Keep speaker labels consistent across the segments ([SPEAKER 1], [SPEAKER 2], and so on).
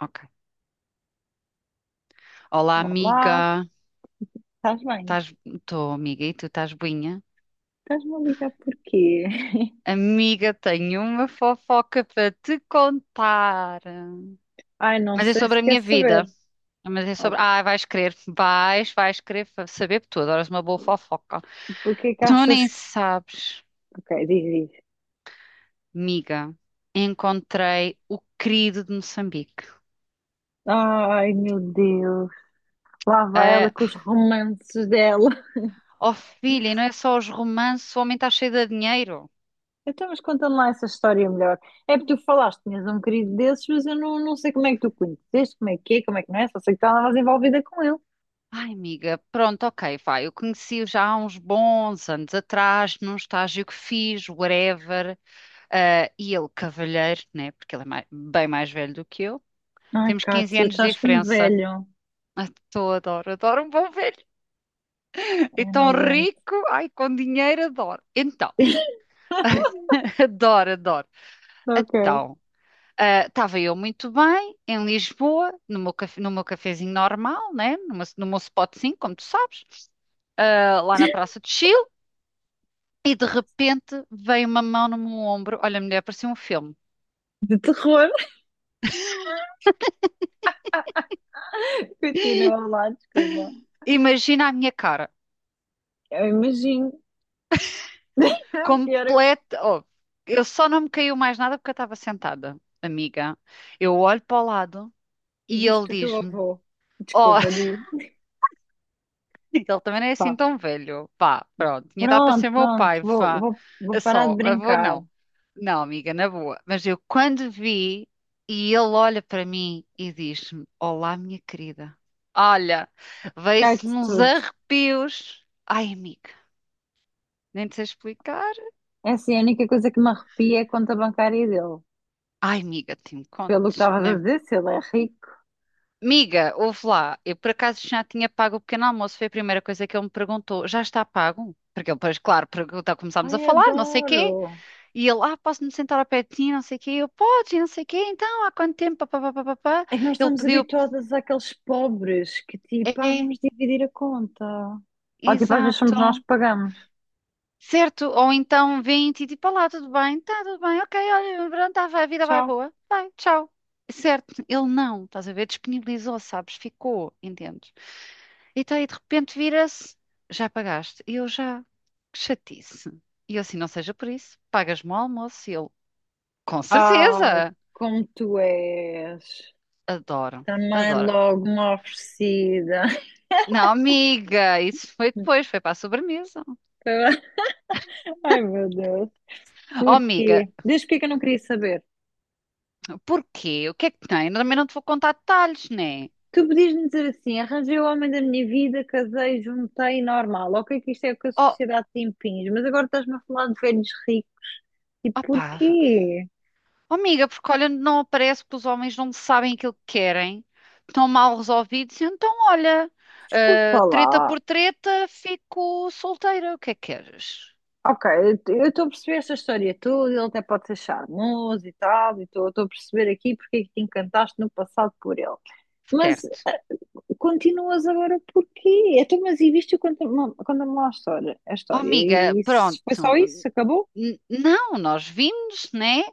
[SPEAKER 1] Ok. Olá,
[SPEAKER 2] Olá,
[SPEAKER 1] amiga.
[SPEAKER 2] estás bem?
[SPEAKER 1] Estás... Estou, amiga, e tu estás boinha?
[SPEAKER 2] Estás-me a ligar porquê?
[SPEAKER 1] Amiga, tenho uma fofoca para te contar.
[SPEAKER 2] Ai, não
[SPEAKER 1] Mas é
[SPEAKER 2] sei se
[SPEAKER 1] sobre a
[SPEAKER 2] quer
[SPEAKER 1] minha vida.
[SPEAKER 2] saber.
[SPEAKER 1] Mas é
[SPEAKER 2] Oh,
[SPEAKER 1] sobre. Ah, vais querer. Vais querer saber porque tu. Adoras uma boa fofoca.
[SPEAKER 2] porque é que
[SPEAKER 1] Tu
[SPEAKER 2] achas
[SPEAKER 1] nem
[SPEAKER 2] que.
[SPEAKER 1] sabes,
[SPEAKER 2] Ok, diz, diz.
[SPEAKER 1] amiga. Encontrei o querido de Moçambique.
[SPEAKER 2] Ai, meu Deus, lá vai ela
[SPEAKER 1] Ah,
[SPEAKER 2] com os romances dela.
[SPEAKER 1] oh, filha, e não é só os romances, o homem está cheio de dinheiro.
[SPEAKER 2] Então, mas conta-me lá essa história melhor. É porque tu falaste, tinhas um querido desses, mas eu não, não sei como é que tu o conheceste, como é que é, como é que não é, só sei que estavas envolvida com ele.
[SPEAKER 1] Ai, amiga, pronto, ok, vai. Eu conheci-o já há uns bons anos atrás, num estágio que fiz, whatever, ah, e ele cavalheiro, né? Porque ele é bem mais velho do que eu.
[SPEAKER 2] Ai,
[SPEAKER 1] Temos 15
[SPEAKER 2] Kátia,
[SPEAKER 1] anos de
[SPEAKER 2] estás como
[SPEAKER 1] diferença.
[SPEAKER 2] velho.
[SPEAKER 1] Ah, tô, adoro, adoro um bom velho. E
[SPEAKER 2] Ai, não
[SPEAKER 1] tão
[SPEAKER 2] aguento.
[SPEAKER 1] rico, ai, com dinheiro, adoro. Então, adoro, adoro.
[SPEAKER 2] Ok.
[SPEAKER 1] Então, ah, estava eu muito bem em Lisboa, no meu, no meu cafezinho normal, né? Numa, no meu spotzinho, como tu sabes, ah, lá na Praça de Chile. E de repente veio uma mão no meu ombro. Olha, mulher, parecia um filme.
[SPEAKER 2] De terror. Continua lá, desculpa.
[SPEAKER 1] Imagina a minha cara.
[SPEAKER 2] Eu imagino. É o pior.
[SPEAKER 1] Completa. Oh, eu só não me caiu mais nada porque eu estava sentada, amiga. Eu olho para o lado
[SPEAKER 2] E
[SPEAKER 1] e ele
[SPEAKER 2] viste o teu
[SPEAKER 1] diz-me:
[SPEAKER 2] avô.
[SPEAKER 1] Oh,
[SPEAKER 2] Desculpa, digo.
[SPEAKER 1] ele também não é assim
[SPEAKER 2] Pá,
[SPEAKER 1] tão velho. Pá, pronto. Tinha dado para
[SPEAKER 2] Pronto,
[SPEAKER 1] ser meu
[SPEAKER 2] pronto.
[SPEAKER 1] pai.
[SPEAKER 2] Vou,
[SPEAKER 1] Pá.
[SPEAKER 2] vou, vou
[SPEAKER 1] É
[SPEAKER 2] parar de
[SPEAKER 1] só, avô
[SPEAKER 2] brincar.
[SPEAKER 1] não. Não, amiga, na boa. Mas eu quando vi e ele olha para mim e diz-me: Olá, minha querida. Olha, veio-se-me
[SPEAKER 2] Cai-te
[SPEAKER 1] uns
[SPEAKER 2] tudo.
[SPEAKER 1] arrepios. Ai, amiga, nem te sei explicar.
[SPEAKER 2] É assim, a única coisa que me arrepia é a conta bancária dele.
[SPEAKER 1] Ai, amiga, te me
[SPEAKER 2] Pelo que
[SPEAKER 1] contes,
[SPEAKER 2] estavas a
[SPEAKER 1] né?
[SPEAKER 2] dizer, se ele é rico.
[SPEAKER 1] Amiga, ouve lá, eu por acaso já tinha pago o pequeno almoço, foi a primeira coisa que ele me perguntou. Já está pago? Porque ele, pois, claro, pergunta, começámos a
[SPEAKER 2] Ai,
[SPEAKER 1] falar, não sei quê,
[SPEAKER 2] adoro.
[SPEAKER 1] e ele, ah, posso-me sentar ao pé de ti, não sei quê, eu, podes, e não sei quê, então, há quanto tempo, pá, pá, pá, pá, pá.
[SPEAKER 2] É que nós
[SPEAKER 1] Ele
[SPEAKER 2] estamos
[SPEAKER 1] pediu,
[SPEAKER 2] habituadas àqueles pobres que tipo,
[SPEAKER 1] é.
[SPEAKER 2] vamos dividir a conta. Ou tipo, às vezes somos nós que
[SPEAKER 1] Exato.
[SPEAKER 2] pagamos.
[SPEAKER 1] Certo, ou então 20 e tipo, olá, tudo bem? Está tudo bem, ok, olha, pronto, tá, vai, a vida vai
[SPEAKER 2] Tchau.
[SPEAKER 1] boa, vai, tchau. Certo, ele não, estás a ver, disponibilizou, sabes, ficou, entendes? Então aí de repente vira-se, já pagaste, e eu já, que chatice. E eu assim, não seja por isso, pagas-me o almoço, e ele, com
[SPEAKER 2] Ai,
[SPEAKER 1] certeza,
[SPEAKER 2] como tu és.
[SPEAKER 1] adoro,
[SPEAKER 2] Também
[SPEAKER 1] adoro.
[SPEAKER 2] logo uma oferecida.
[SPEAKER 1] Não, amiga, isso foi depois, foi para a sobremesa.
[SPEAKER 2] Ai, meu Deus.
[SPEAKER 1] Oh, amiga,
[SPEAKER 2] Porquê? Desde porque é que eu não queria saber?
[SPEAKER 1] porquê? O que é que tem? Eu também não te vou contar detalhes, né?
[SPEAKER 2] Tu podias-me dizer assim, arranjei o homem da minha vida, casei, juntei, normal. Ok, que isto é o que a
[SPEAKER 1] Oh,
[SPEAKER 2] sociedade te impinge, mas agora estás-me a falar de velhos ricos. E
[SPEAKER 1] opá,
[SPEAKER 2] porquê?
[SPEAKER 1] oh, amiga, porque olha, não aparece que os homens não sabem aquilo que querem, estão mal resolvidos, e então olha, ah,
[SPEAKER 2] Desculpa
[SPEAKER 1] treta
[SPEAKER 2] lá.
[SPEAKER 1] por treta, fico solteira, o que é que queres?
[SPEAKER 2] Ok, eu estou a perceber esta história toda, ele até pode ser charmoso e tal, e estou a perceber aqui porque é que te encantaste no passado por ele. Mas
[SPEAKER 1] Certo.
[SPEAKER 2] continuas agora porquê? Então, mas e viste quando me lá a história? A
[SPEAKER 1] Oh,
[SPEAKER 2] história.
[SPEAKER 1] amiga,
[SPEAKER 2] E isso, foi só
[SPEAKER 1] pronto,
[SPEAKER 2] isso? Acabou?
[SPEAKER 1] Não, nós vimos, né?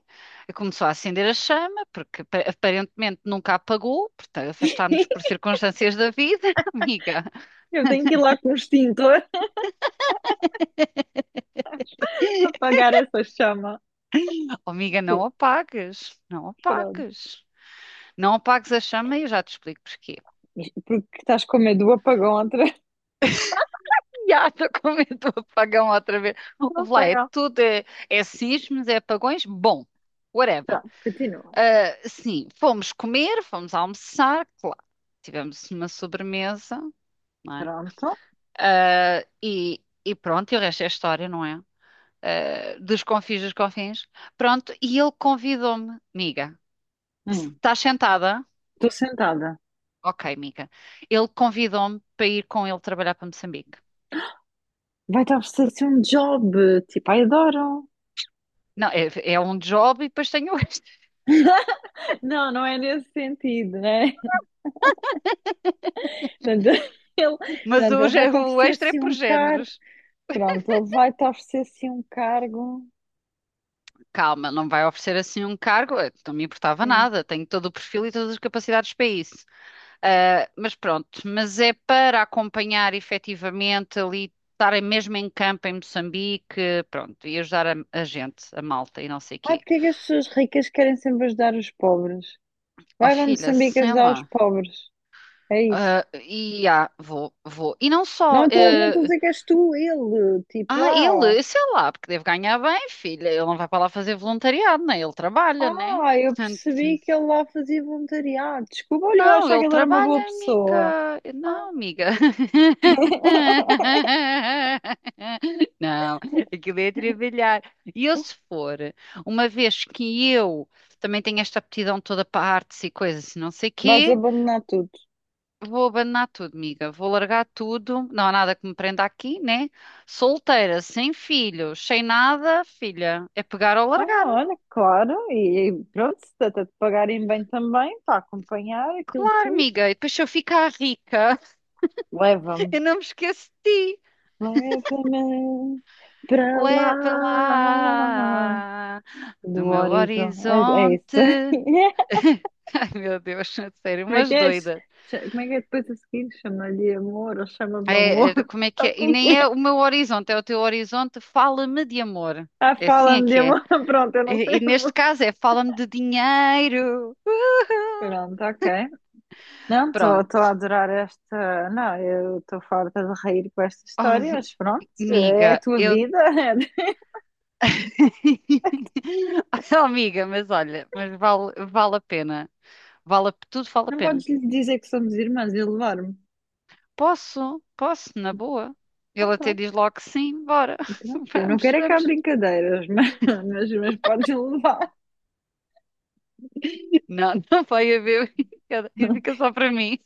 [SPEAKER 1] Começou a acender a chama, porque aparentemente nunca apagou, portanto, afastámos-nos por circunstâncias da vida, amiga.
[SPEAKER 2] Eu tenho que ir lá com o extintor apagar essa chama.
[SPEAKER 1] Oh, amiga, não
[SPEAKER 2] Sim,
[SPEAKER 1] apagues, não
[SPEAKER 2] pronto.
[SPEAKER 1] apagues. Não apagues a chama e eu já te explico porquê.
[SPEAKER 2] Isto porque estás com medo do apagão outra vez.
[SPEAKER 1] Já estou com medo do apagão outra vez.
[SPEAKER 2] Do
[SPEAKER 1] Ouve lá, é
[SPEAKER 2] apagão.
[SPEAKER 1] tudo, é, é sismos, é apagões, bom, whatever.
[SPEAKER 2] Pronto, continua.
[SPEAKER 1] Ah, sim, fomos comer, fomos almoçar, claro. Tivemos uma sobremesa, não é?
[SPEAKER 2] Pronto.
[SPEAKER 1] Ah, e pronto, e o resto é história, não é? Ah, dos confins dos confins. Pronto, e ele convidou-me, amiga, se
[SPEAKER 2] Hum,
[SPEAKER 1] estás sentada?
[SPEAKER 2] estou sentada.
[SPEAKER 1] Ok, amiga. Ele convidou-me para ir com ele trabalhar para Moçambique.
[SPEAKER 2] Vai te oferecer um job. Tipo, ai, adoro.
[SPEAKER 1] Não, é, é um job e depois tem o extra.
[SPEAKER 2] Não, não é nesse sentido, né? Portanto, ele,
[SPEAKER 1] Mas
[SPEAKER 2] portanto,
[SPEAKER 1] o,
[SPEAKER 2] ele vai te
[SPEAKER 1] o
[SPEAKER 2] oferecer
[SPEAKER 1] extra é
[SPEAKER 2] assim
[SPEAKER 1] por
[SPEAKER 2] um cargo.
[SPEAKER 1] géneros.
[SPEAKER 2] Pronto, ele vai-te oferecer assim um cargo.
[SPEAKER 1] Calma, não vai oferecer assim um cargo. Não me importava
[SPEAKER 2] Sim.
[SPEAKER 1] nada. Tenho todo o perfil e todas as capacidades para isso. Ah, mas pronto, mas é para acompanhar efetivamente ali, estar mesmo em campo em Moçambique, pronto, e ajudar a gente, a malta e não sei o
[SPEAKER 2] Ai,
[SPEAKER 1] quê.
[SPEAKER 2] porque é que as pessoas ricas querem sempre ajudar os pobres?
[SPEAKER 1] Oh,
[SPEAKER 2] Vai para
[SPEAKER 1] filha,
[SPEAKER 2] Moçambique
[SPEAKER 1] sei
[SPEAKER 2] ajudar os
[SPEAKER 1] lá.
[SPEAKER 2] pobres. É isso.
[SPEAKER 1] Ah, e ah, vou, vou. E não
[SPEAKER 2] Não
[SPEAKER 1] só.
[SPEAKER 2] estou não estou a dizer que és tu, ele. Tipo
[SPEAKER 1] Ah,
[SPEAKER 2] lá.
[SPEAKER 1] ele, sei lá, porque deve ganhar bem, filha. Ele não vai para lá fazer voluntariado, né? Ele trabalha, né?
[SPEAKER 2] Ah, eu
[SPEAKER 1] Portanto,
[SPEAKER 2] percebi que ele lá fazia voluntariado. Desculpa, olha, eu
[SPEAKER 1] não,
[SPEAKER 2] achava
[SPEAKER 1] ele
[SPEAKER 2] que ele era uma boa
[SPEAKER 1] trabalha,
[SPEAKER 2] pessoa.
[SPEAKER 1] amiga.
[SPEAKER 2] Ah,
[SPEAKER 1] Não, amiga. Não, aquilo é trabalhar. E eu, se for, uma vez que eu também tenho esta aptidão toda para artes e coisas, e não sei
[SPEAKER 2] vais
[SPEAKER 1] quê,
[SPEAKER 2] abandonar tudo.
[SPEAKER 1] vou abandonar tudo, amiga. Vou largar tudo. Não há nada que me prenda aqui, né? Solteira, sem filhos, sem nada, filha. É pegar ou
[SPEAKER 2] Ah,
[SPEAKER 1] largar.
[SPEAKER 2] olha, claro. E pronto, se trata de pagarem bem também, para acompanhar aquilo
[SPEAKER 1] Claro,
[SPEAKER 2] tudo,
[SPEAKER 1] amiga. E depois se eu ficar rica,
[SPEAKER 2] leva-me.
[SPEAKER 1] eu não me esqueço de ti.
[SPEAKER 2] Leva-me para lá
[SPEAKER 1] Leva lá do
[SPEAKER 2] do
[SPEAKER 1] meu
[SPEAKER 2] horizonte. É, é
[SPEAKER 1] horizonte.
[SPEAKER 2] isso.
[SPEAKER 1] Ai, meu Deus, a sério,
[SPEAKER 2] Como é que
[SPEAKER 1] umas
[SPEAKER 2] é?
[SPEAKER 1] doidas.
[SPEAKER 2] Como é que é depois a seguir? Chama-lhe amor ou chama-me amor?
[SPEAKER 1] É, é, como é que
[SPEAKER 2] O
[SPEAKER 1] é?
[SPEAKER 2] que
[SPEAKER 1] E
[SPEAKER 2] é
[SPEAKER 1] nem
[SPEAKER 2] que
[SPEAKER 1] é
[SPEAKER 2] é?
[SPEAKER 1] o meu horizonte, é o teu horizonte. Fala-me de amor.
[SPEAKER 2] Ah,
[SPEAKER 1] É assim é
[SPEAKER 2] fala-me de
[SPEAKER 1] que é.
[SPEAKER 2] amor. Pronto, eu não
[SPEAKER 1] E
[SPEAKER 2] sei
[SPEAKER 1] neste
[SPEAKER 2] amor.
[SPEAKER 1] caso é fala-me de dinheiro.
[SPEAKER 2] Pronto, ok. Não,
[SPEAKER 1] Pronto.
[SPEAKER 2] estou a adorar esta. Não, eu estou farta de rir com esta
[SPEAKER 1] Oh,
[SPEAKER 2] história, mas pronto, é a
[SPEAKER 1] amiga,
[SPEAKER 2] tua
[SPEAKER 1] eu.
[SPEAKER 2] vida.
[SPEAKER 1] Oh, amiga, mas olha, mas vale, vale a pena. Vale, tudo vale a
[SPEAKER 2] Não
[SPEAKER 1] pena.
[SPEAKER 2] podes lhe dizer que somos irmãs e levar-me.
[SPEAKER 1] Posso, posso, na boa. Ele
[SPEAKER 2] Então,
[SPEAKER 1] até
[SPEAKER 2] pronto.
[SPEAKER 1] diz logo que sim, bora.
[SPEAKER 2] E pronto, eu não
[SPEAKER 1] Vamos,
[SPEAKER 2] quero é que há
[SPEAKER 1] vamos.
[SPEAKER 2] brincadeiras, mas podes levar.
[SPEAKER 1] Não, não vai haver. E fica só para mim.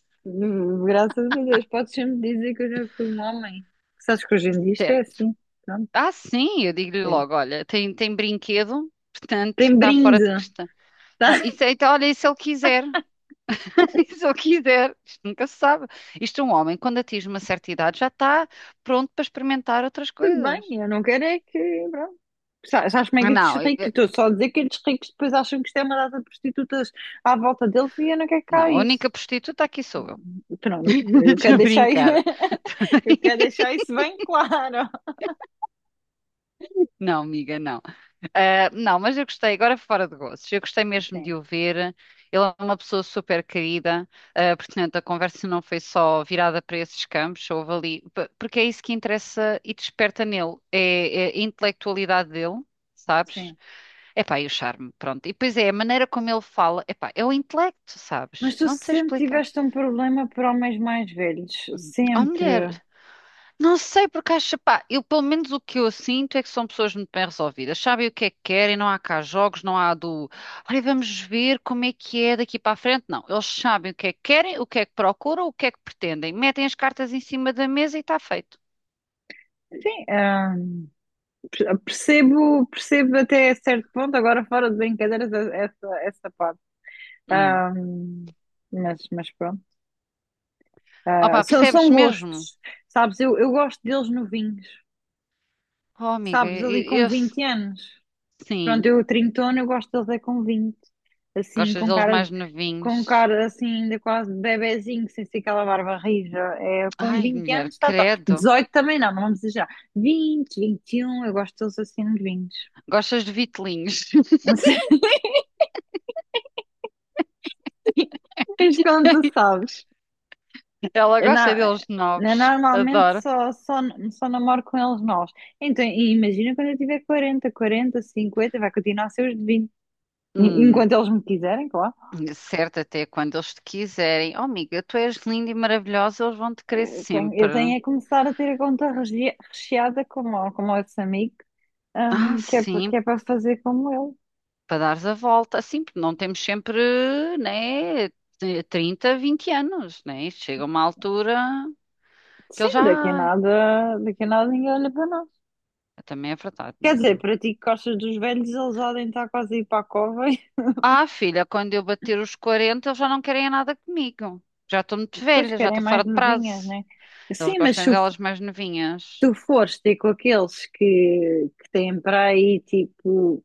[SPEAKER 2] Graças a Deus, podes sempre dizer que eu já fui um homem. Sabes que hoje em dia isto é
[SPEAKER 1] Certo.
[SPEAKER 2] assim. Pronto,
[SPEAKER 1] Ah, sim, eu digo-lhe logo,
[SPEAKER 2] é.
[SPEAKER 1] olha, tem, tem brinquedo, portanto,
[SPEAKER 2] Tem
[SPEAKER 1] está fora de
[SPEAKER 2] brinde,
[SPEAKER 1] questão.
[SPEAKER 2] tá?
[SPEAKER 1] Não, isso, então, olha, e se ele quiser? Se eu quiser, isto nunca se sabe. Isto é um homem, quando atinge uma certa idade, já está pronto para experimentar outras
[SPEAKER 2] Tudo bem,
[SPEAKER 1] coisas.
[SPEAKER 2] eu não quero é que. Pronto. Sabes como é
[SPEAKER 1] Ah,
[SPEAKER 2] que
[SPEAKER 1] não,
[SPEAKER 2] estes ricos? Estou só a dizer que estes ricos depois acham que isto é uma data de prostitutas à volta deles e eu não quero cá
[SPEAKER 1] não, a
[SPEAKER 2] isso.
[SPEAKER 1] única prostituta aqui sou eu.
[SPEAKER 2] Pronto, eu
[SPEAKER 1] Estou
[SPEAKER 2] quero
[SPEAKER 1] a
[SPEAKER 2] deixar isso,
[SPEAKER 1] brincar.
[SPEAKER 2] eu quero deixar isso bem claro.
[SPEAKER 1] Não, amiga, não. Ah, não, mas eu gostei, agora fora de gostos, eu gostei mesmo de
[SPEAKER 2] Sim,
[SPEAKER 1] o ver. Ele é uma pessoa super querida, ah, portanto, a conversa não foi só virada para esses campos, houve ali, porque é isso que interessa e desperta nele, é, é a intelectualidade dele, sabes?
[SPEAKER 2] sim.
[SPEAKER 1] Epá, e o charme, pronto. E depois é a maneira como ele fala, epá, é o intelecto,
[SPEAKER 2] Mas
[SPEAKER 1] sabes?
[SPEAKER 2] tu
[SPEAKER 1] Não te sei
[SPEAKER 2] sempre
[SPEAKER 1] explicar.
[SPEAKER 2] tiveste um problema para homens mais velhos,
[SPEAKER 1] Hum. Oh,
[SPEAKER 2] sempre.
[SPEAKER 1] mulher. Não sei, porque acho, pá, eu pelo menos o que eu sinto é que são pessoas muito bem resolvidas, sabem o que é que querem, não há cá jogos, não há do, olha, vamos ver como é que é daqui para a frente. Não, eles sabem o que é que querem, o que é que procuram, o que é que pretendem, metem as cartas em cima da mesa e está feito.
[SPEAKER 2] Sim, percebo até certo ponto, agora fora de brincadeiras, essa parte.
[SPEAKER 1] Hum.
[SPEAKER 2] Ah, mas pronto. Ah,
[SPEAKER 1] Opa,
[SPEAKER 2] são,
[SPEAKER 1] percebes
[SPEAKER 2] são
[SPEAKER 1] mesmo?
[SPEAKER 2] gostos, sabes? Eu gosto deles novinhos,
[SPEAKER 1] Oh, amiga,
[SPEAKER 2] sabes? Ali com 20 anos. Pronto,
[SPEAKER 1] sim,
[SPEAKER 2] eu trintona eu gosto deles é com 20 assim,
[SPEAKER 1] gostas
[SPEAKER 2] com
[SPEAKER 1] deles
[SPEAKER 2] cara de,
[SPEAKER 1] mais
[SPEAKER 2] com
[SPEAKER 1] novinhos.
[SPEAKER 2] cara assim, ainda quase de bebezinho, sem ser aquela barba rija. É, com
[SPEAKER 1] Ai,
[SPEAKER 2] 20
[SPEAKER 1] mulher,
[SPEAKER 2] anos está top.
[SPEAKER 1] credo,
[SPEAKER 2] Dezoito também não, não vamos exagerar. 20, 21 eu gosto deles assim nos 20.
[SPEAKER 1] gostas de vitelinhos.
[SPEAKER 2] Não sei mas como tu sabes.
[SPEAKER 1] Ela
[SPEAKER 2] Eu,
[SPEAKER 1] gosta
[SPEAKER 2] na-
[SPEAKER 1] deles
[SPEAKER 2] eu
[SPEAKER 1] novos,
[SPEAKER 2] normalmente
[SPEAKER 1] adoro.
[SPEAKER 2] só namoro com eles novos. Então, e imagina quando eu tiver quarenta 50 vai continuar a ser os de 20.
[SPEAKER 1] Hum.
[SPEAKER 2] Enquanto eles me quiserem, claro.
[SPEAKER 1] Certo, até quando eles te quiserem. Oh, amiga, tu és linda e maravilhosa, eles vão te querer
[SPEAKER 2] Eu tenho, eu
[SPEAKER 1] sempre.
[SPEAKER 2] tenho é que começar a ter a conta recheada como esse amigo,
[SPEAKER 1] Ah,
[SPEAKER 2] que é, pa-
[SPEAKER 1] sim,
[SPEAKER 2] que é para fazer como ele.
[SPEAKER 1] para dares a volta. Assim, porque não temos sempre, né, 30, 20 anos, né? Chega uma altura que
[SPEAKER 2] Sim,
[SPEAKER 1] eles já.
[SPEAKER 2] daqui a nada ninguém olha para nós.
[SPEAKER 1] Ah, também é verdade,
[SPEAKER 2] Quer dizer,
[SPEAKER 1] amiga.
[SPEAKER 2] para ti que gostas dos velhos, eles podem estar quase a ir para a cova e
[SPEAKER 1] Ah, filha, quando eu bater os 40, eles já não querem nada comigo. Já estou muito
[SPEAKER 2] depois
[SPEAKER 1] velha, já
[SPEAKER 2] querem
[SPEAKER 1] estou
[SPEAKER 2] mais
[SPEAKER 1] fora de
[SPEAKER 2] novinhas,
[SPEAKER 1] prazo.
[SPEAKER 2] né?
[SPEAKER 1] Eles
[SPEAKER 2] Sim, mas se
[SPEAKER 1] gostam
[SPEAKER 2] f-
[SPEAKER 1] delas mais novinhas.
[SPEAKER 2] tu fores ter com aqueles que têm para aí tipo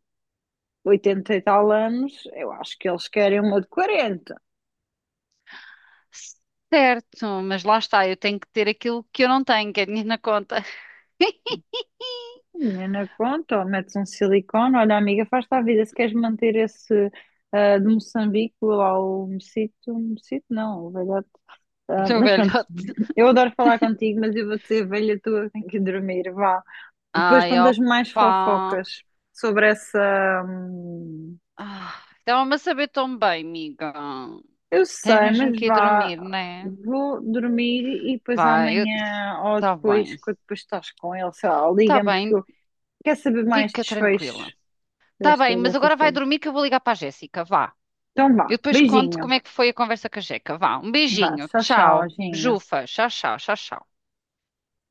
[SPEAKER 2] 80 e tal anos, eu acho que eles querem uma de 40.
[SPEAKER 1] Certo, mas lá está, eu tenho que ter aquilo que eu não tenho, que é dinheiro na conta.
[SPEAKER 2] Menina, conta, ou metes um silicone, olha, amiga, faz-te a vida. Se queres manter esse de Moçambique lá o Mocito, Mocito não, o velhote. ah,
[SPEAKER 1] Do
[SPEAKER 2] mas pronto,
[SPEAKER 1] velho.
[SPEAKER 2] eu adoro falar contigo, mas eu vou ser velha tua, tenho que dormir, vá. Depois
[SPEAKER 1] Ai,
[SPEAKER 2] contas mais
[SPEAKER 1] opa.
[SPEAKER 2] fofocas sobre essa. hum,
[SPEAKER 1] Ah, estava-me a saber tão bem, amiga.
[SPEAKER 2] eu
[SPEAKER 1] Tens
[SPEAKER 2] sei,
[SPEAKER 1] mesmo
[SPEAKER 2] mas
[SPEAKER 1] que ir
[SPEAKER 2] vá,
[SPEAKER 1] dormir, né?
[SPEAKER 2] vou dormir e depois
[SPEAKER 1] Vai, eu...
[SPEAKER 2] amanhã ou
[SPEAKER 1] tá
[SPEAKER 2] depois,
[SPEAKER 1] bem.
[SPEAKER 2] quando depois estás com ele, sei lá,
[SPEAKER 1] Tá
[SPEAKER 2] liga-me porque
[SPEAKER 1] bem,
[SPEAKER 2] eu quero saber mais
[SPEAKER 1] fica tranquila.
[SPEAKER 2] desfechos
[SPEAKER 1] Tá bem,
[SPEAKER 2] desta,
[SPEAKER 1] mas
[SPEAKER 2] desta
[SPEAKER 1] agora vai
[SPEAKER 2] história.
[SPEAKER 1] dormir que eu vou ligar para a Jéssica, vá.
[SPEAKER 2] Então vá.
[SPEAKER 1] Eu depois conto
[SPEAKER 2] Beijinho.
[SPEAKER 1] como é que foi a conversa com a Jeca, vá. Um
[SPEAKER 2] Vá.
[SPEAKER 1] beijinho,
[SPEAKER 2] Tchau, tchau,
[SPEAKER 1] tchau.
[SPEAKER 2] Ginho.
[SPEAKER 1] Bejufa, tchau, tchau, tchau, tchau.